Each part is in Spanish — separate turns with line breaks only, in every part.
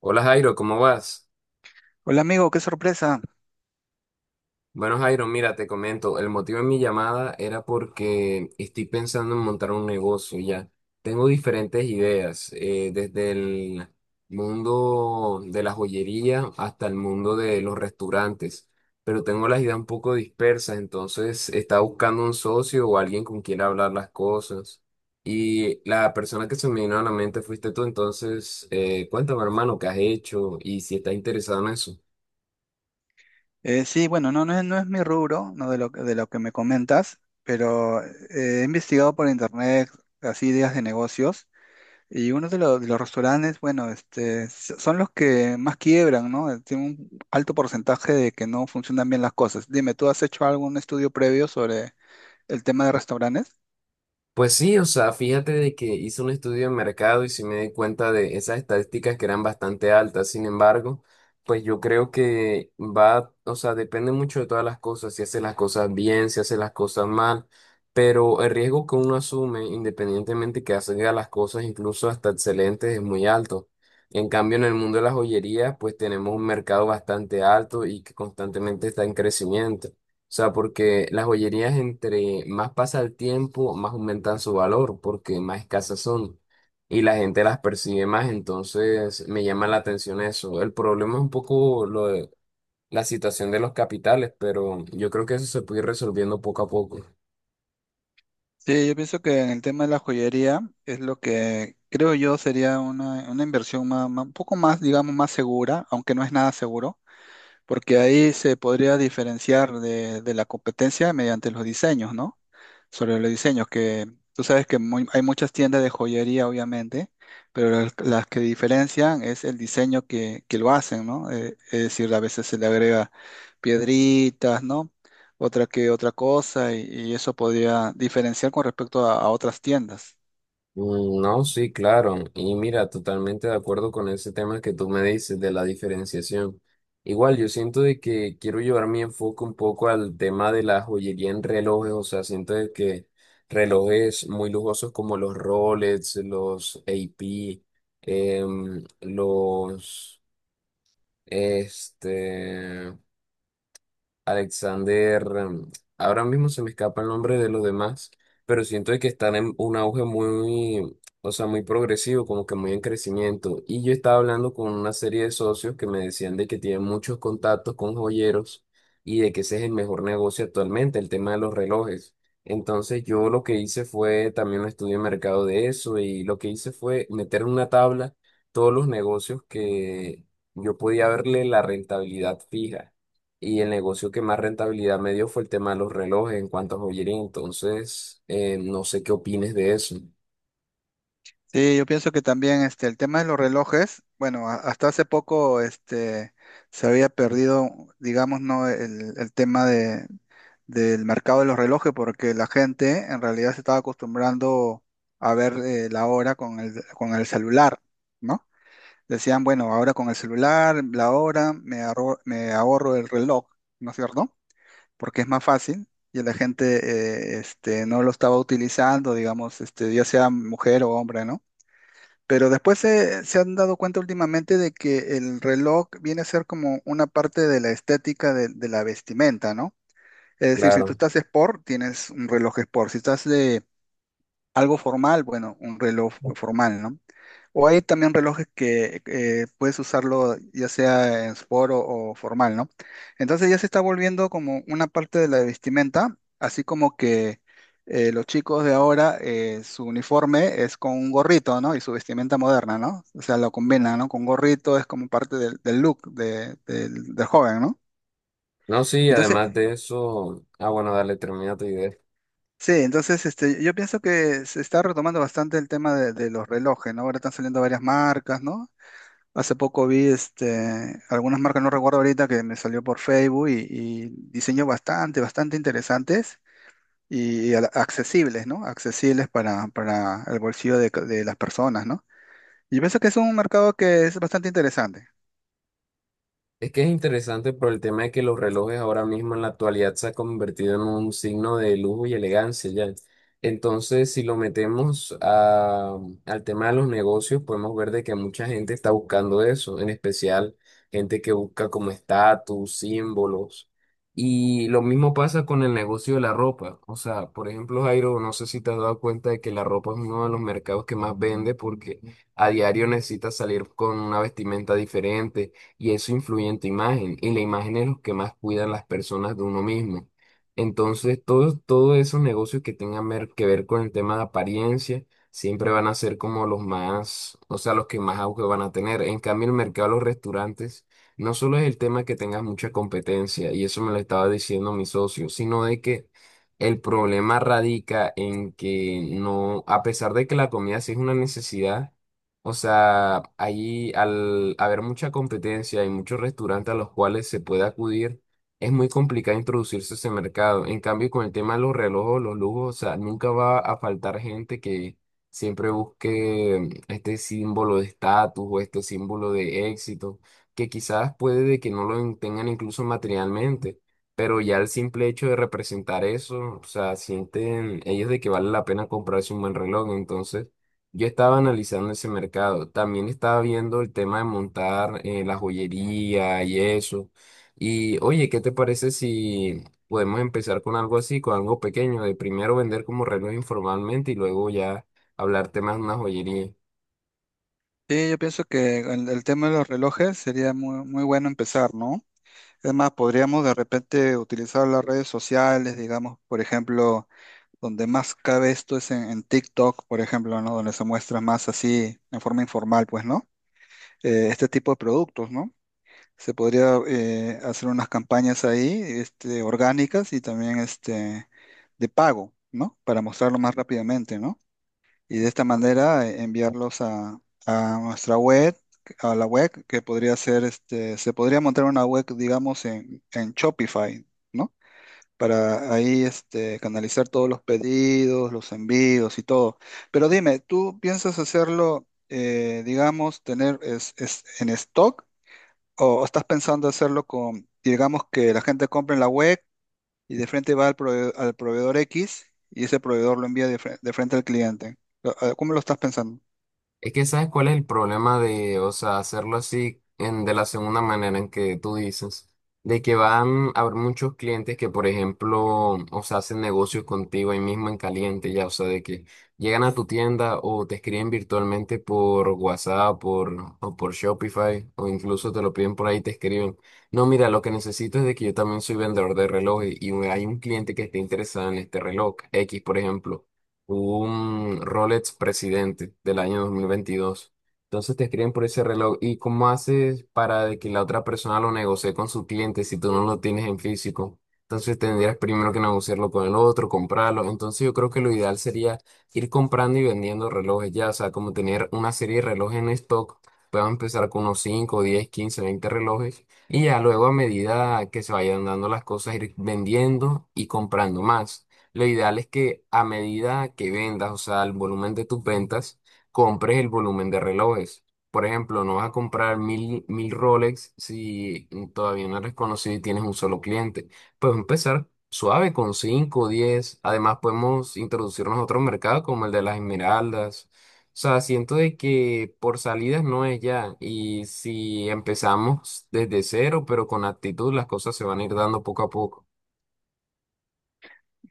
Hola Jairo, ¿cómo vas?
Hola amigo, qué sorpresa.
Bueno Jairo, mira, te comento, el motivo de mi llamada era porque estoy pensando en montar un negocio ya. Tengo diferentes ideas, desde el mundo de la joyería hasta el mundo de los restaurantes, pero tengo las ideas un poco dispersas, entonces estaba buscando un socio o alguien con quien hablar las cosas. Y la persona que se me vino a la mente fuiste tú, entonces cuéntame hermano, ¿qué has hecho y si estás interesado en eso?
Sí, bueno, no, no es mi rubro, no, de lo que me comentas, pero he investigado por internet así ideas de negocios, y uno de los restaurantes, bueno, son los que más quiebran, ¿no? Tienen un alto porcentaje de que no funcionan bien las cosas. Dime, ¿tú has hecho algún estudio previo sobre el tema de restaurantes?
Pues sí, o sea, fíjate de que hice un estudio de mercado y sí me di cuenta de esas estadísticas que eran bastante altas. Sin embargo, pues yo creo que va, o sea, depende mucho de todas las cosas, si hace las cosas bien, si hace las cosas mal, pero el riesgo que uno asume, independientemente que haga las cosas incluso hasta excelentes, es muy alto. En cambio, en el mundo de las joyerías, pues tenemos un mercado bastante alto y que constantemente está en crecimiento. O sea, porque las joyerías entre más pasa el tiempo, más aumentan su valor, porque más escasas son y la gente las percibe más, entonces me llama la atención eso. El problema es un poco lo de la situación de los capitales, pero yo creo que eso se puede ir resolviendo poco a poco.
Sí, yo pienso que en el tema de la joyería es lo que creo yo sería una inversión un poco más, digamos, más segura, aunque no es nada seguro, porque ahí se podría diferenciar de la competencia mediante los diseños, ¿no? Sobre los diseños, que tú sabes que hay muchas tiendas de joyería, obviamente, pero las que diferencian es el diseño que lo hacen, ¿no? Es decir, a veces se le agrega piedritas, ¿no? Otra que otra cosa, y eso podría diferenciar con respecto a otras tiendas.
Mm, no, sí, claro. Y mira, totalmente de acuerdo con ese tema que tú me dices de la diferenciación. Igual, yo siento de que quiero llevar mi enfoque un poco al tema de la joyería en relojes. O sea, siento de que relojes muy lujosos como los Rolex, los AP, los, este, Alexander, ahora mismo se me escapa el nombre de los demás, pero siento de que están en un auge muy, o sea, muy progresivo, como que muy en crecimiento. Y yo estaba hablando con una serie de socios que me decían de que tienen muchos contactos con joyeros y de que ese es el mejor negocio actualmente, el tema de los relojes. Entonces yo lo que hice fue también un estudio de mercado de eso y lo que hice fue meter en una tabla todos los negocios que yo podía verle la rentabilidad fija. Y el negocio que más rentabilidad me dio fue el tema de los relojes en cuanto a joyería. Entonces, no sé qué opines de eso.
Sí, yo pienso que también este, el tema de los relojes, bueno, hasta hace poco este, se había perdido, digamos, ¿no? El tema del mercado de los relojes, porque la gente en realidad se estaba acostumbrando a ver la hora con el celular, ¿no? Decían, bueno, ahora con el celular, la hora, me ahorro el reloj, ¿no es cierto? Porque es más fácil, y la gente este, no lo estaba utilizando, digamos, este, ya sea mujer o hombre, ¿no? Pero después se han dado cuenta últimamente de que el reloj viene a ser como una parte de la estética de la vestimenta, ¿no? Es decir, si tú
Claro.
estás sport, tienes un reloj sport. Si estás de algo formal, bueno, un reloj formal, ¿no? O hay también relojes que puedes usarlo ya sea en sport o formal, ¿no? Entonces ya se está volviendo como una parte de la vestimenta, así como que los chicos de ahora, su uniforme es con un gorrito, ¿no? Y su vestimenta moderna, ¿no? O sea, lo combinan, ¿no? Con gorrito es como parte del look del joven, ¿no?
No, sí,
Entonces
además de eso. Ah, bueno, dale, termina tu idea.
Sí, entonces este, yo pienso que se está retomando bastante el tema de los relojes, ¿no? Ahora están saliendo varias marcas, ¿no? Hace poco vi este, algunas marcas, no recuerdo ahorita, que me salió por Facebook, y diseños bastante, bastante interesantes y accesibles, ¿no? Accesibles para el bolsillo de las personas, ¿no? Y yo pienso que es un mercado que es bastante interesante.
Es que es interesante por el tema de que los relojes ahora mismo en la actualidad se ha convertido en un signo de lujo y elegancia ya. Entonces, si lo metemos al tema de los negocios, podemos ver de que mucha gente está buscando eso, en especial gente que busca como estatus, símbolos. Y lo mismo pasa con el negocio de la ropa. O sea, por ejemplo, Jairo, no sé si te has dado cuenta de que la ropa es uno de los mercados que más vende porque a diario necesitas salir con una vestimenta diferente y eso influye en tu imagen y la imagen es lo que más cuidan las personas de uno mismo. Entonces, todos esos negocios que tengan que ver con el tema de apariencia siempre van a ser como los más, o sea, los que más auge van a tener. En cambio, el mercado de los restaurantes no solo es el tema que tengas mucha competencia, y eso me lo estaba diciendo mi socio, sino de que el problema radica en que no, a pesar de que la comida sí es una necesidad, o sea, allí al haber mucha competencia y muchos restaurantes a los cuales se puede acudir, es muy complicado introducirse a ese mercado. En cambio, con el tema de los relojes, los lujos, o sea, nunca va a faltar gente que siempre busque este símbolo de estatus o este símbolo de éxito, que quizás puede de que no lo tengan incluso materialmente, pero ya el simple hecho de representar eso, o sea, sienten ellos de que vale la pena comprarse un buen reloj, entonces. Yo estaba analizando ese mercado. También estaba viendo el tema de montar la joyería y eso. Y oye, ¿qué te parece si podemos empezar con algo así, con algo pequeño, de primero vender como reloj informalmente y luego ya hablar temas de una joyería?
Sí, yo pienso que el tema de los relojes sería muy, muy bueno empezar, ¿no? Es más, podríamos de repente utilizar las redes sociales, digamos, por ejemplo, donde más cabe esto es en TikTok, por ejemplo, ¿no? Donde se muestra más así, en forma informal, pues, ¿no? Este tipo de productos, ¿no? Se podría hacer unas campañas ahí, este, orgánicas, y también este, de pago, ¿no? Para mostrarlo más rápidamente, ¿no? Y de esta manera enviarlos a nuestra web, a la web que podría ser, este, se podría montar una web, digamos, en Shopify, ¿no? Para ahí este, canalizar todos los pedidos, los envíos y todo. Pero dime, ¿tú piensas hacerlo, digamos, tener en stock, o estás pensando hacerlo con, digamos, que la gente compre en la web, y de frente va al proveedor X, y ese proveedor lo envía de frente al cliente? ¿Cómo lo estás pensando?
Es que sabes cuál es el problema de, o sea, hacerlo así en, de la segunda manera en que tú dices, de que van a haber muchos clientes que, por ejemplo, o sea, hacen negocios contigo ahí mismo en caliente, ya, o sea, de que llegan a tu tienda o te escriben virtualmente por WhatsApp por, o por Shopify o incluso te lo piden por ahí y te escriben, no, mira, lo que necesito es de que yo también soy vendedor de relojes y hay un cliente que esté interesado en este reloj, X, por ejemplo un Rolex Presidente del año 2022. Entonces te escriben por ese reloj. ¿Y cómo haces para de que la otra persona lo negocie con su cliente si tú no lo tienes en físico? Entonces tendrías primero que negociarlo con el otro, comprarlo. Entonces yo creo que lo ideal sería ir comprando y vendiendo relojes ya, o sea, como tener una serie de relojes en stock. Puedo empezar con unos 5, 10, 15, 20 relojes y ya luego a medida que se vayan dando las cosas ir vendiendo y comprando más. Lo ideal es que a medida que vendas, o sea, el volumen de tus ventas, compres el volumen de relojes. Por ejemplo, no vas a comprar mil Rolex si todavía no eres conocido y tienes un solo cliente. Puedes empezar suave con 5 o 10. Además, podemos introducirnos a otro mercado como el de las esmeraldas. O sea, siento de que por salidas no es ya. Y si empezamos desde cero, pero con actitud, las cosas se van a ir dando poco a poco.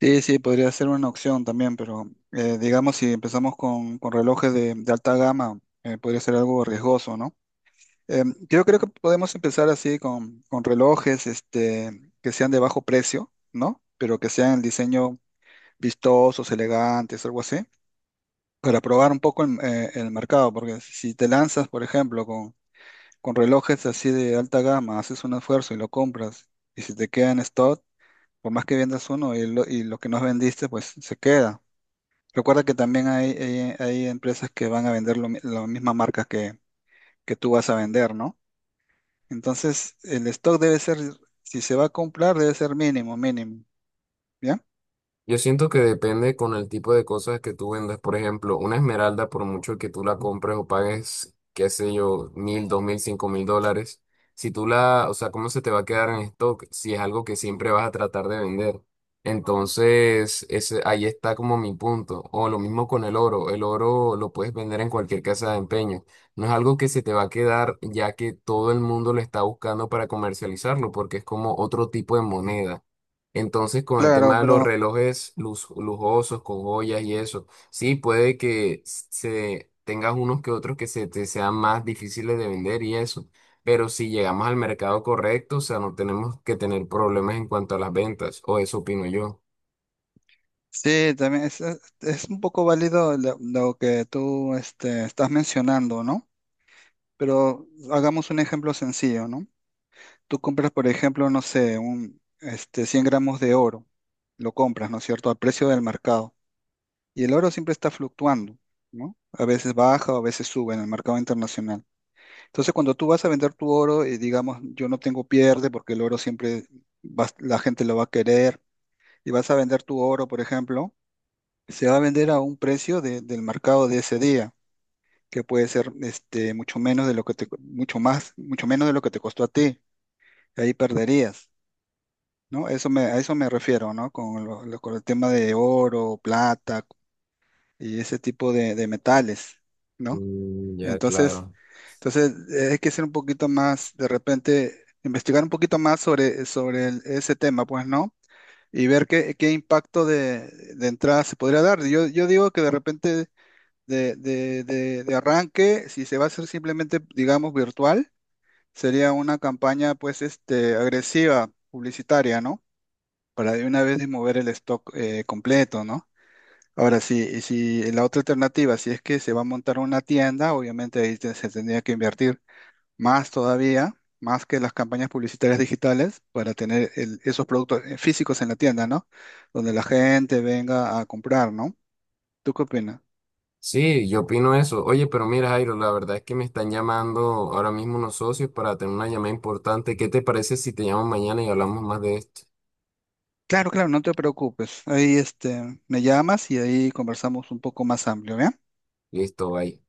Sí, sí, podría ser una opción también, pero digamos, si empezamos con relojes de alta gama, podría ser algo riesgoso, ¿no? Eh, yo creo que podemos empezar así con relojes este, que sean de bajo precio, ¿no? Pero que sean el diseño vistosos, elegantes, algo así, para probar un poco el mercado, porque si te lanzas, por ejemplo, con relojes así de alta gama, haces un esfuerzo y lo compras, y si te queda en stock, por más que vendas uno y lo que no vendiste, pues se queda. Recuerda que también hay empresas que van a vender las mismas marcas que tú vas a vender, ¿no? Entonces, el stock debe ser, si se va a comprar, debe ser mínimo, mínimo, ¿ya?
Yo siento que depende con el tipo de cosas que tú vendas. Por ejemplo, una esmeralda, por mucho que tú la compres o pagues, qué sé yo, $1,000, $2,000, $5,000, si tú la, o sea, ¿cómo se te va a quedar en stock si es algo que siempre vas a tratar de vender? Entonces, ese, ahí está como mi punto. O lo mismo con el oro. El oro lo puedes vender en cualquier casa de empeño. No es algo que se te va a quedar ya que todo el mundo lo está buscando para comercializarlo porque es como otro tipo de moneda. Entonces, con el
Claro,
tema de los
pero
relojes lujosos, con joyas y eso, sí, puede que se tengas unos que otros que se te sean más difíciles de vender y eso, pero si llegamos al mercado correcto, o sea, no tenemos que tener problemas en cuanto a las ventas, o eso opino yo.
sí, también es un poco válido lo que tú este, estás mencionando, ¿no? Pero hagamos un ejemplo sencillo, ¿no? Tú compras, por ejemplo, no sé, 100 gramos de oro, lo compras, ¿no es cierto?, al precio del mercado. Y el oro siempre está fluctuando, ¿no? A veces baja o a veces sube en el mercado internacional. Entonces, cuando tú vas a vender tu oro, digamos, yo no tengo pierde porque el oro siempre la gente lo va a querer. Y vas a vender tu oro, por ejemplo, se va a vender a un precio del mercado de ese día, que puede ser este, mucho menos de lo que te, mucho más, mucho menos de lo que te costó a ti. Ahí perderías, ¿no? Eso a eso me refiero, ¿no? Con el tema de oro, plata y ese tipo de metales, ¿no?
Mm, ya,
Entonces,
claro.
entonces, hay que ser un poquito más, de repente, investigar un poquito más sobre ese tema, pues, ¿no? Y ver qué impacto de entrada se podría dar. Yo digo que de repente de arranque, si se va a hacer simplemente, digamos, virtual, sería una campaña, pues, este, agresiva, publicitaria, ¿no? Para de una vez mover el stock completo, ¿no? Ahora sí, y si la otra alternativa, si es que se va a montar una tienda, obviamente ahí se tendría que invertir más todavía, más que las campañas publicitarias digitales, para tener esos productos físicos en la tienda, ¿no? Donde la gente venga a comprar, ¿no? ¿Tú qué opinas?
Sí, yo opino eso. Oye, pero mira, Jairo, la verdad es que me están llamando ahora mismo unos socios para tener una llamada importante. ¿Qué te parece si te llamo mañana y hablamos más de esto?
Claro, claro, no te preocupes. Ahí este, me llamas y ahí conversamos un poco más amplio, ¿bien?
Listo, bye.